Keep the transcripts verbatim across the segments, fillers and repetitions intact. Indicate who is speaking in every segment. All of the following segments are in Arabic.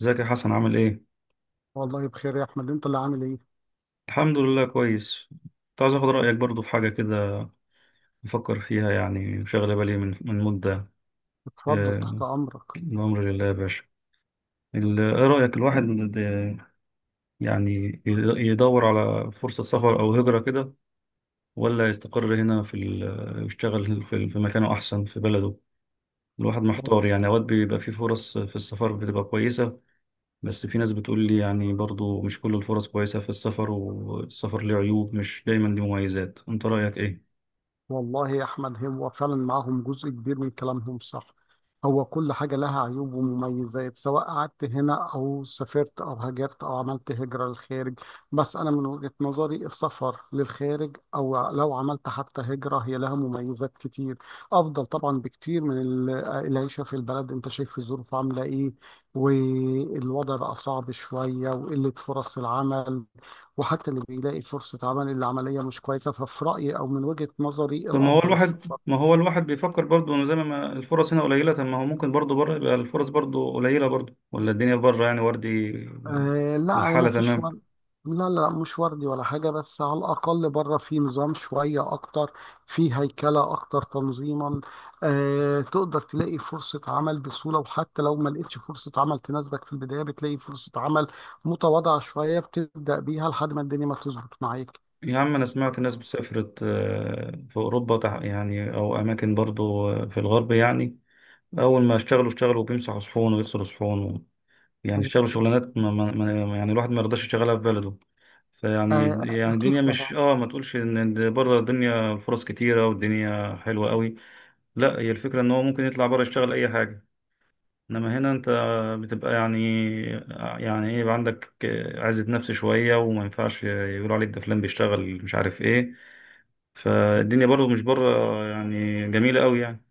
Speaker 1: ازيك يا حسن عامل ايه؟
Speaker 2: والله بخير يا احمد. انت اللي عامل ايه؟
Speaker 1: الحمد لله كويس. كنت عايز اخد رأيك برضو في حاجة كده بفكر فيها، يعني وشاغلة بالي من من مدة.
Speaker 2: اتفضل تحت
Speaker 1: آه،
Speaker 2: امرك.
Speaker 1: الأمر لله يا باشا. ال- ايه رأيك الواحد د- يعني ي- يدور على فرصة سفر أو هجرة كده، ولا يستقر هنا في ال- يشتغل في في مكانه أحسن في بلده؟ الواحد محتار يعني، أوقات بيبقى في فرص في السفر بتبقى كويسة، بس في ناس بتقول لي يعني برضو مش كل الفرص كويسة في السفر، والسفر ليه عيوب مش دايما ليه مميزات، انت رأيك ايه؟
Speaker 2: والله يا احمد هو فعلا معاهم جزء كبير من كلامهم صح. هو كل حاجه لها عيوب ومميزات سواء قعدت هنا او سافرت او هاجرت او عملت هجره للخارج. بس انا من وجهه نظري السفر للخارج او لو عملت حتى هجره هي لها مميزات كتير. افضل طبعا بكتير من ال- العيشه في البلد. انت شايف الظروف عامله ايه، والوضع بقى صعب شويه وقله فرص العمل. وحتى اللي بيلاقي فرصة عمل اللي العملية مش كويسة، ففي رأيي أو من وجهة نظري
Speaker 1: طب ما هو
Speaker 2: الأفضل
Speaker 1: الواحد،
Speaker 2: السفر.
Speaker 1: ما هو الواحد بيفكر برضه انه زي ما الفرص هنا قليله، طب ما هو ممكن برضه بره يبقى الفرص برضه قليله برضه، ولا الدنيا بره يعني وردي و-
Speaker 2: آه لا، ما
Speaker 1: والحاله
Speaker 2: فيش
Speaker 1: تمام؟
Speaker 2: ورد. لا لا، مش وردي ولا حاجة، بس على الأقل بره في نظام شوية أكتر، في هيكلة أكتر تنظيما. آه، تقدر تلاقي فرصة عمل بسهولة، وحتى لو ما لقيتش فرصة عمل تناسبك في البداية بتلاقي فرصة عمل متواضعة شوية بتبدأ بيها لحد ما الدنيا ما تظبط معاك.
Speaker 1: يا عم انا سمعت ناس سافرت، آه، في اوروبا تح- يعني او اماكن برضه، آه، في الغرب يعني، اول ما اشتغلوا اشتغلوا بيمسحوا صحون ويغسلوا صحون و... يعني اشتغلوا شغلانات ما ما ما يعني الواحد ما يرضاش يشتغلها في بلده. فيعني
Speaker 2: آه
Speaker 1: يعني
Speaker 2: أكيد
Speaker 1: الدنيا مش
Speaker 2: طبعا
Speaker 1: اه، ما تقولش ان بره الدنيا فرص كتيره والدنيا حلوه قوي. لا، هي الفكرة ان هو ممكن يطلع بره يشتغل اي حاجة، انما هنا انت بتبقى يعني، يعني ايه، يبقى عندك عزة نفس شوية، وما ينفعش يقول عليك ده فلان بيشتغل مش عارف ايه. فالدنيا برضه مش بره يعني جميلة قوي يعني،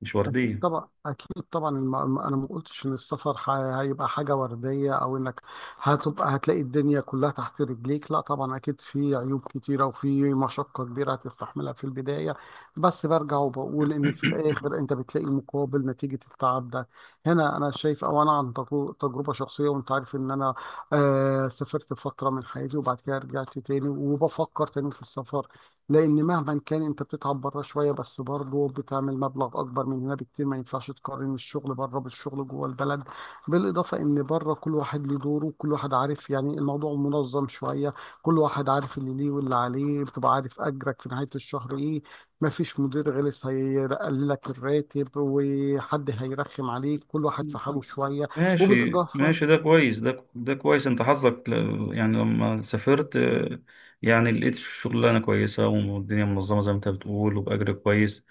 Speaker 1: مش
Speaker 2: أكيد
Speaker 1: وردية.
Speaker 2: طبعا أكيد طبعا. الم- الم- أنا ما قلتش إن السفر ح- هيبقى حاجة وردية أو إنك هتبقى هتلاقي الدنيا كلها تحت رجليك. لا طبعا، أكيد في عيوب كتيرة وفي مشقة كبيرة هتستحملها في البداية، بس برجع وبقول إن في الآخر أنت بتلاقي مقابل نتيجة التعب ده. هنا أنا شايف، أو أنا عن تجر- تجربة شخصية، وأنت عارف إن أنا آه سافرت فترة من حياتي وبعد كده رجعت تاني وبفكر تاني في السفر. لان مهما كان انت بتتعب بره شويه، بس برضه بتعمل مبلغ اكبر من هنا بكتير. ما ينفعش تقارن الشغل بره بالشغل جوه البلد. بالاضافه ان بره كل واحد له دوره، كل واحد عارف، يعني الموضوع منظم شويه. كل واحد عارف اللي ليه واللي عليه، بتبقى عارف اجرك في نهايه الشهر ايه. ما فيش مدير غلس هيقللك الراتب وحد هيرخم عليك، كل واحد في حاله شويه.
Speaker 1: ماشي ماشي،
Speaker 2: وبالاضافه
Speaker 1: ده كويس، ده ده كويس. انت حظك ل- يعني لما سافرت، آه، يعني لقيت شغلانه كويسه والدنيا منظمه زي ما انت بتقول، وباجر كويس.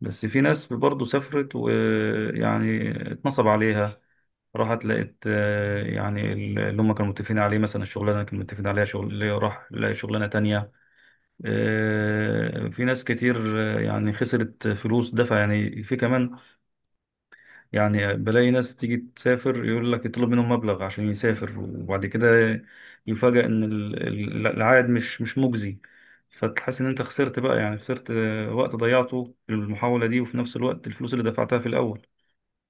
Speaker 1: بس في ناس برضه سافرت ويعني اتنصب عليها، راحت لقيت، آه، يعني اللي هم كانوا متفقين عليه مثلا الشغلانه كانوا متفقين عليها شغل، اللي راح لقى شغلانه تانية، آه، في ناس كتير، آه، يعني خسرت فلوس دفع يعني في كمان. يعني بلاقي ناس تيجي تسافر، يقول لك يطلب منهم مبلغ عشان يسافر، وبعد كده يفاجأ ان ال- ال- العائد مش مش مجزي. فتحس ان انت خسرت بقى، يعني خسرت، آه، وقت ضيعته في المحاولة دي، وفي نفس الوقت الفلوس اللي دفعتها في الاول.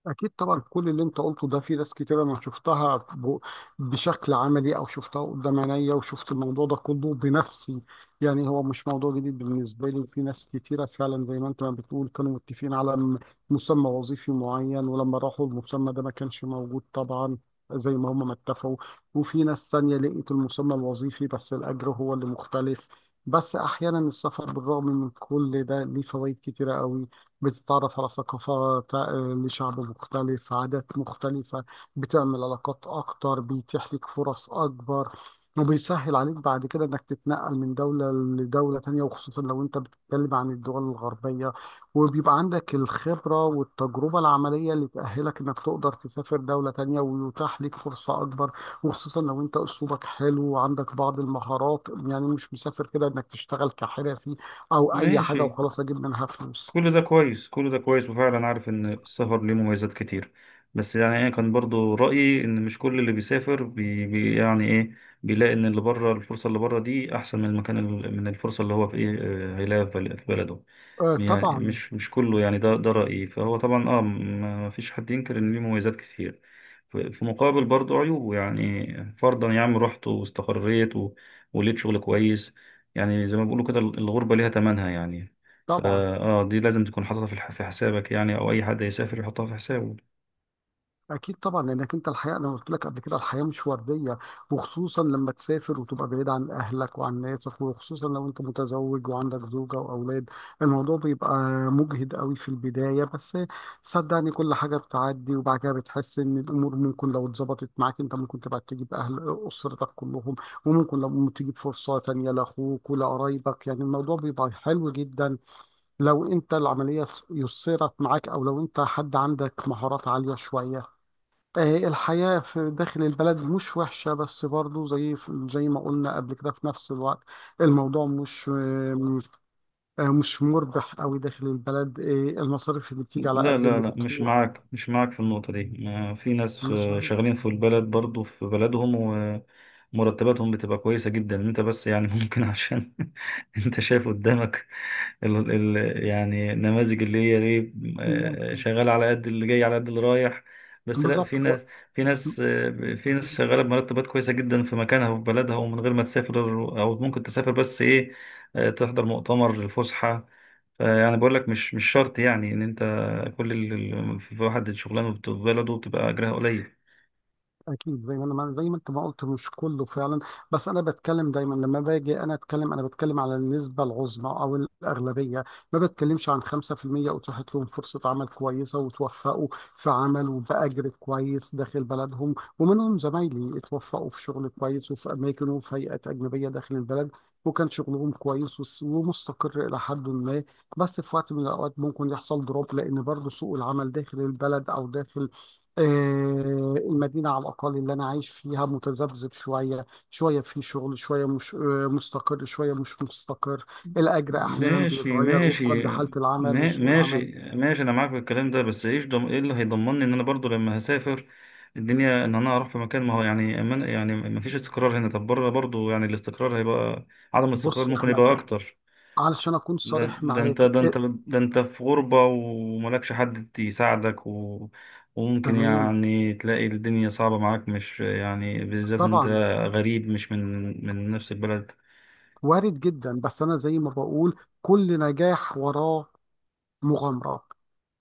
Speaker 2: أكيد طبعا. كل اللي أنت قلته ده في ناس كتير أنا شفتها ب- بشكل عملي، أو شفتها قدام عينيا وشفت الموضوع ده كله بنفسي. يعني هو مش موضوع جديد بالنسبة لي، وفي ناس كتيرة فعلا زي ما أنت ما بتقول كانوا متفقين على م- مسمى وظيفي معين، ولما راحوا المسمى ده ما كانش موجود طبعا زي ما هم ما اتفقوا. وفي ناس تانية لقيت المسمى الوظيفي بس الأجر هو اللي مختلف. بس أحيانا السفر بالرغم من كل ده ليه فوائد كتيرة قوي. بتتعرف على ثقافات، آه، لشعب مختلف، عادات مختلفة. بتعمل علاقات أكتر، بيتيح لك فرص أكبر، وبيسهل عليك بعد كده إنك تتنقل من دولة لدولة تانية، وخصوصا لو أنت بتتكلم عن الدول الغربية. وبيبقى عندك الخبرة والتجربة العملية اللي تأهلك إنك تقدر تسافر دولة تانية ويتاح ليك فرصة أكبر. وخصوصا لو أنت أسلوبك حلو وعندك بعض المهارات، يعني مش مسافر كده إنك تشتغل كحرفي أو أي
Speaker 1: ماشي،
Speaker 2: حاجة وخلاص أجيب منها فلوس.
Speaker 1: كل ده كويس، كل ده كويس، وفعلا عارف ان السفر ليه مميزات كتير. بس يعني انا كان برضو رأيي ان مش كل اللي بيسافر بي بي يعني ايه، بيلاقي ان اللي بره، الفرصة اللي بره دي احسن من المكان ال- من الفرصة اللي هو في ايه، آه، هيلاقيها في بل- في بلده.
Speaker 2: آه
Speaker 1: يعني
Speaker 2: طبعا
Speaker 1: مش مش كله يعني، ده ده رأيي. فهو طبعا اه ما فيش حد ينكر ان ليه مميزات كتير، ف- في مقابل برضو عيوب. يعني فرضا يا عم، رحت واستقريت و- ولقيت شغل كويس، يعني زي ما بيقولوا كده الغربة ليها ثمنها يعني. فا
Speaker 2: طبعا.
Speaker 1: اه، دي لازم تكون حاططها في الح- في حسابك، يعني او اي حد هيسافر يحطها في حسابه.
Speaker 2: اكيد طبعا، لانك انت الحياه انا قلت لك قبل كده الحياه مش ورديه. وخصوصا لما تسافر وتبقى بعيد عن اهلك وعن ناسك، وخصوصا لو انت متزوج وعندك زوجه واولاد. الموضوع بيبقى مجهد قوي في البدايه، بس صدقني كل حاجه بتعدي، وبعد كده بتحس ان الامور ممكن لو اتظبطت معاك انت ممكن تبقى تجيب اهل اسرتك كلهم. وممكن لو تجيب فرصه تانيه لاخوك ولقرايبك، يعني الموضوع بيبقى حلو جدا لو انت العملية ف- يسرت معاك، او لو انت حد عندك مهارات عالية شوية. آه، الحياة في داخل البلد مش وحشة، بس برضو زي زي ما قلنا قبل كده، في نفس الوقت الموضوع مش آه، آه، مش مربح قوي داخل البلد. آه، المصاريف اللي بتيجي على
Speaker 1: لا
Speaker 2: قد
Speaker 1: لا
Speaker 2: اللي
Speaker 1: لا، مش
Speaker 2: بتروح.
Speaker 1: معاك، مش معاك في النقطة دي. ما- في ناس،
Speaker 2: مش
Speaker 1: آه،
Speaker 2: عارف.
Speaker 1: شغالين في البلد برضو في بلدهم، ومرتباتهم بتبقى كويسة جدا. انت بس يعني ممكن عشان انت شايف قدامك ال ال يعني النماذج اللي هي ايه، آه،
Speaker 2: ممكن.
Speaker 1: شغال على قد اللي جاي على قد اللي رايح. بس لا، في
Speaker 2: بالظبط.
Speaker 1: ناس، في ناس، آه، في ناس شغالة بمرتبات كويسة جدا في مكانها وفي بلدها، ومن غير ما تسافر. او ممكن تسافر بس ايه، آه، تحضر مؤتمر الفسحة. يعني بقول لك مش مش شرط يعني ان انت كل ال- ال- في واحد شغلانه بت- في بلده بتبقى اجرها قليل.
Speaker 2: اكيد زي ما انا ما- زي ما انت ما قلت مش كله فعلا. بس انا بتكلم دايما لما باجي انا اتكلم انا بتكلم على النسبه العظمى او الاغلبيه. ما بتكلمش عن خمسة في المية اتاحت لهم فرصه عمل كويسه وتوفقوا في عمل وباجر كويس داخل بلدهم. ومنهم زمايلي اتوفقوا في شغل كويس وفي اماكن وفي هيئات اجنبيه داخل البلد، وكان شغلهم كويس وس- ومستقر الى حد ما. بس في وقت من الاوقات ممكن يحصل دروب، لان برضه سوق العمل داخل البلد او داخل آه، المدينة على الأقل اللي أنا عايش فيها متذبذب شوية شوية، في شغل شوية مش آه، مستقر، شوية مش مستقر. الأجر أحيانا
Speaker 1: ماشي
Speaker 2: بيتغير وفقا
Speaker 1: ماشي،
Speaker 2: لحالة العمل
Speaker 1: ما-
Speaker 2: وسوق
Speaker 1: ماشي
Speaker 2: العمل.
Speaker 1: ماشي، انا معاك في الكلام ده. بس ايش ضم... ايه اللي هيضمنني ان انا برضو لما هسافر الدنيا، ان انا اروح في مكان ما هو يعني، أما أنا- يعني ما فيش استقرار هنا، طب بره برضو يعني الاستقرار هيبقى عدم الاستقرار
Speaker 2: بص يا
Speaker 1: ممكن
Speaker 2: أحمد،
Speaker 1: يبقى اكتر.
Speaker 2: علشان أكون
Speaker 1: ده
Speaker 2: صريح
Speaker 1: ده انت،
Speaker 2: معاك
Speaker 1: ده
Speaker 2: آه،
Speaker 1: انت ده انت في غربة وملكش حد يساعدك و... وممكن
Speaker 2: تمام،
Speaker 1: يعني تلاقي الدنيا صعبة معاك، مش يعني بالذات ان انت
Speaker 2: طبعا
Speaker 1: غريب، مش من من نفس البلد.
Speaker 2: وارد جدا. بس أنا زي ما بقول كل نجاح وراه مغامرة.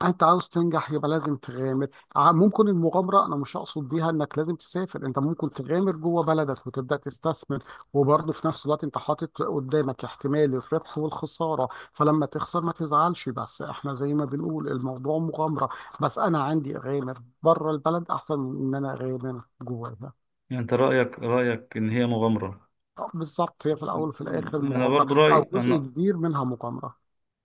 Speaker 2: انت عاوز تنجح يبقى لازم تغامر. ع- ممكن المغامره انا مش اقصد بيها انك لازم تسافر، انت ممكن تغامر جوه بلدك وتبدا تستثمر. وبرضه في نفس الوقت انت حاطط قدامك احتمال الربح والخساره، فلما تخسر ما تزعلش، بس احنا زي ما بنقول الموضوع مغامره. بس انا عندي اغامر بره البلد احسن من ان انا اغامر جواها.
Speaker 1: يعني انت رأيك رأيك ان هي مغامرة.
Speaker 2: آه، بالظبط، هي في الاول وفي الاخر
Speaker 1: انا
Speaker 2: مغامره،
Speaker 1: برضو
Speaker 2: او
Speaker 1: رأيي،
Speaker 2: جزء
Speaker 1: انا
Speaker 2: كبير منها مغامره.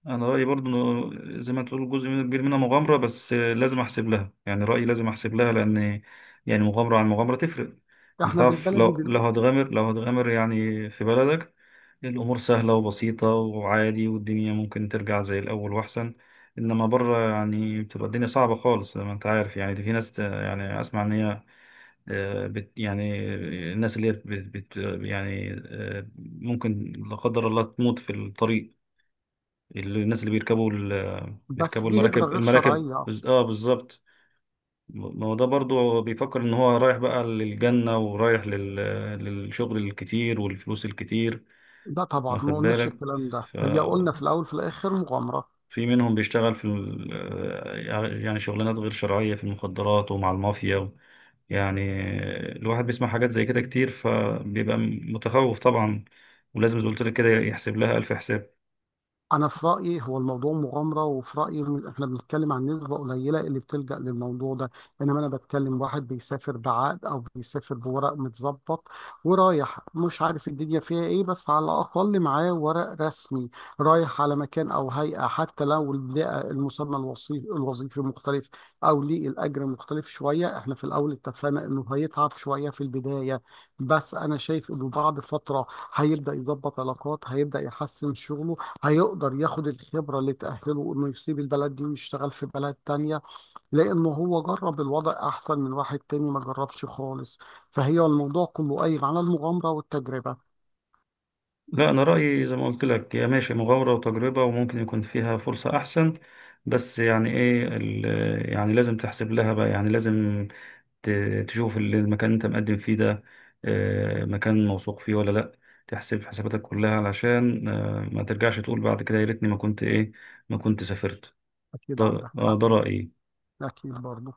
Speaker 1: انا رايي برضو إنه زي ما تقول جزء منه كبير منها مغامره، بس آه، لازم احسب لها. يعني رايي لازم احسب لها، لان يعني مغامره عن مغامره تفرق. انت
Speaker 2: احنا
Speaker 1: تعرف،
Speaker 2: بالبلدي
Speaker 1: لو لو
Speaker 2: بن-
Speaker 1: هتغامر، لو هتغامر يعني في بلدك الامور سهله وبسيطه وعادي، والدنيا ممكن ترجع زي الاول واحسن. انما بره يعني بتبقى الدنيا صعبه خالص، زي ما انت عارف يعني. دي في ناس ت- يعني اسمع ان هي، آه، بت يعني، الناس اللي هي بت، بت، يعني آه، ممكن لا قدر الله تموت في الطريق. الناس اللي بيركبوا ال-
Speaker 2: بس
Speaker 1: بيركبوا
Speaker 2: دي هجره
Speaker 1: المراكب،
Speaker 2: غير
Speaker 1: المراكب
Speaker 2: شرعيه.
Speaker 1: بز- اه بالظبط. ما هو ده برضه هو بيفكر ان هو رايح بقى للجنة، ورايح لل... للشغل الكتير والفلوس الكتير،
Speaker 2: لا طبعا،
Speaker 1: واخد
Speaker 2: ما قلناش
Speaker 1: بالك.
Speaker 2: الكلام ده،
Speaker 1: ف...
Speaker 2: هي قلنا في الاول في الاخر مغامره.
Speaker 1: في منهم بيشتغل في ال... يعني شغلانات غير شرعية في المخدرات ومع المافيا و... يعني الواحد بيسمع حاجات زي كده كتير، فبيبقى متخوف طبعا، ولازم زي ما قلت لك كده يحسب لها ألف حساب.
Speaker 2: انا في رايي هو الموضوع مغامره، وفي رايي إن احنا بنتكلم عن نسبه قليله اللي بتلجا للموضوع ده. انما انا بتكلم واحد بيسافر بعقد او بيسافر بورق متظبط، ورايح مش عارف الدنيا فيها ايه، بس على الاقل معاه ورق رسمي. رايح على مكان او هيئه، حتى لو البيئه المسمى الوصي- الوظيفي مختلف، او ليه الاجر مختلف شويه. احنا في الاول اتفقنا انه هيتعب شويه في البدايه، بس انا شايف انه بعد فتره هيبدا يظبط علاقات، هيبدا يحسن شغله، هيقدر ياخد الخبرة اللي تأهله إنه يسيب البلد دي ويشتغل في بلد تانية، لأنه هو جرب الوضع أحسن من واحد تاني ما جربش خالص. فهي الموضوع كله قايم على المغامرة والتجربة.
Speaker 1: لا، أنا رأيي زي ما قلت لك، هي ماشي مغامرة وتجربة، وممكن يكون فيها فرصة أحسن، بس يعني إيه ال- يعني لازم تحسب لها بقى، يعني لازم ت- تشوف ال- المكان اللي أنت مقدم فيه ده، آه، مكان موثوق فيه ولا لأ. تحسب حساباتك كلها علشان آه، ما ترجعش تقول بعد كده يا ريتني ما كنت إيه، ما كنت سافرت.
Speaker 2: أكيد
Speaker 1: ده
Speaker 2: عندك
Speaker 1: آه،
Speaker 2: حق.
Speaker 1: ده رأيي.
Speaker 2: أكيد برضه.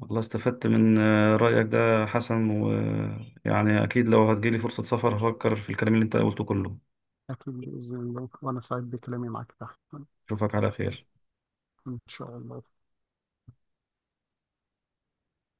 Speaker 1: والله استفدت من آه، رأيك ده حسن، ويعني أكيد لو هتجيلي فرصة سفر هفكر في الكلام اللي أنت قلته كله.
Speaker 2: أكيد بإذن الله، وأنا سعيد بكلامي معك. تحت.
Speaker 1: أشوفك على خير.
Speaker 2: إن شاء الله.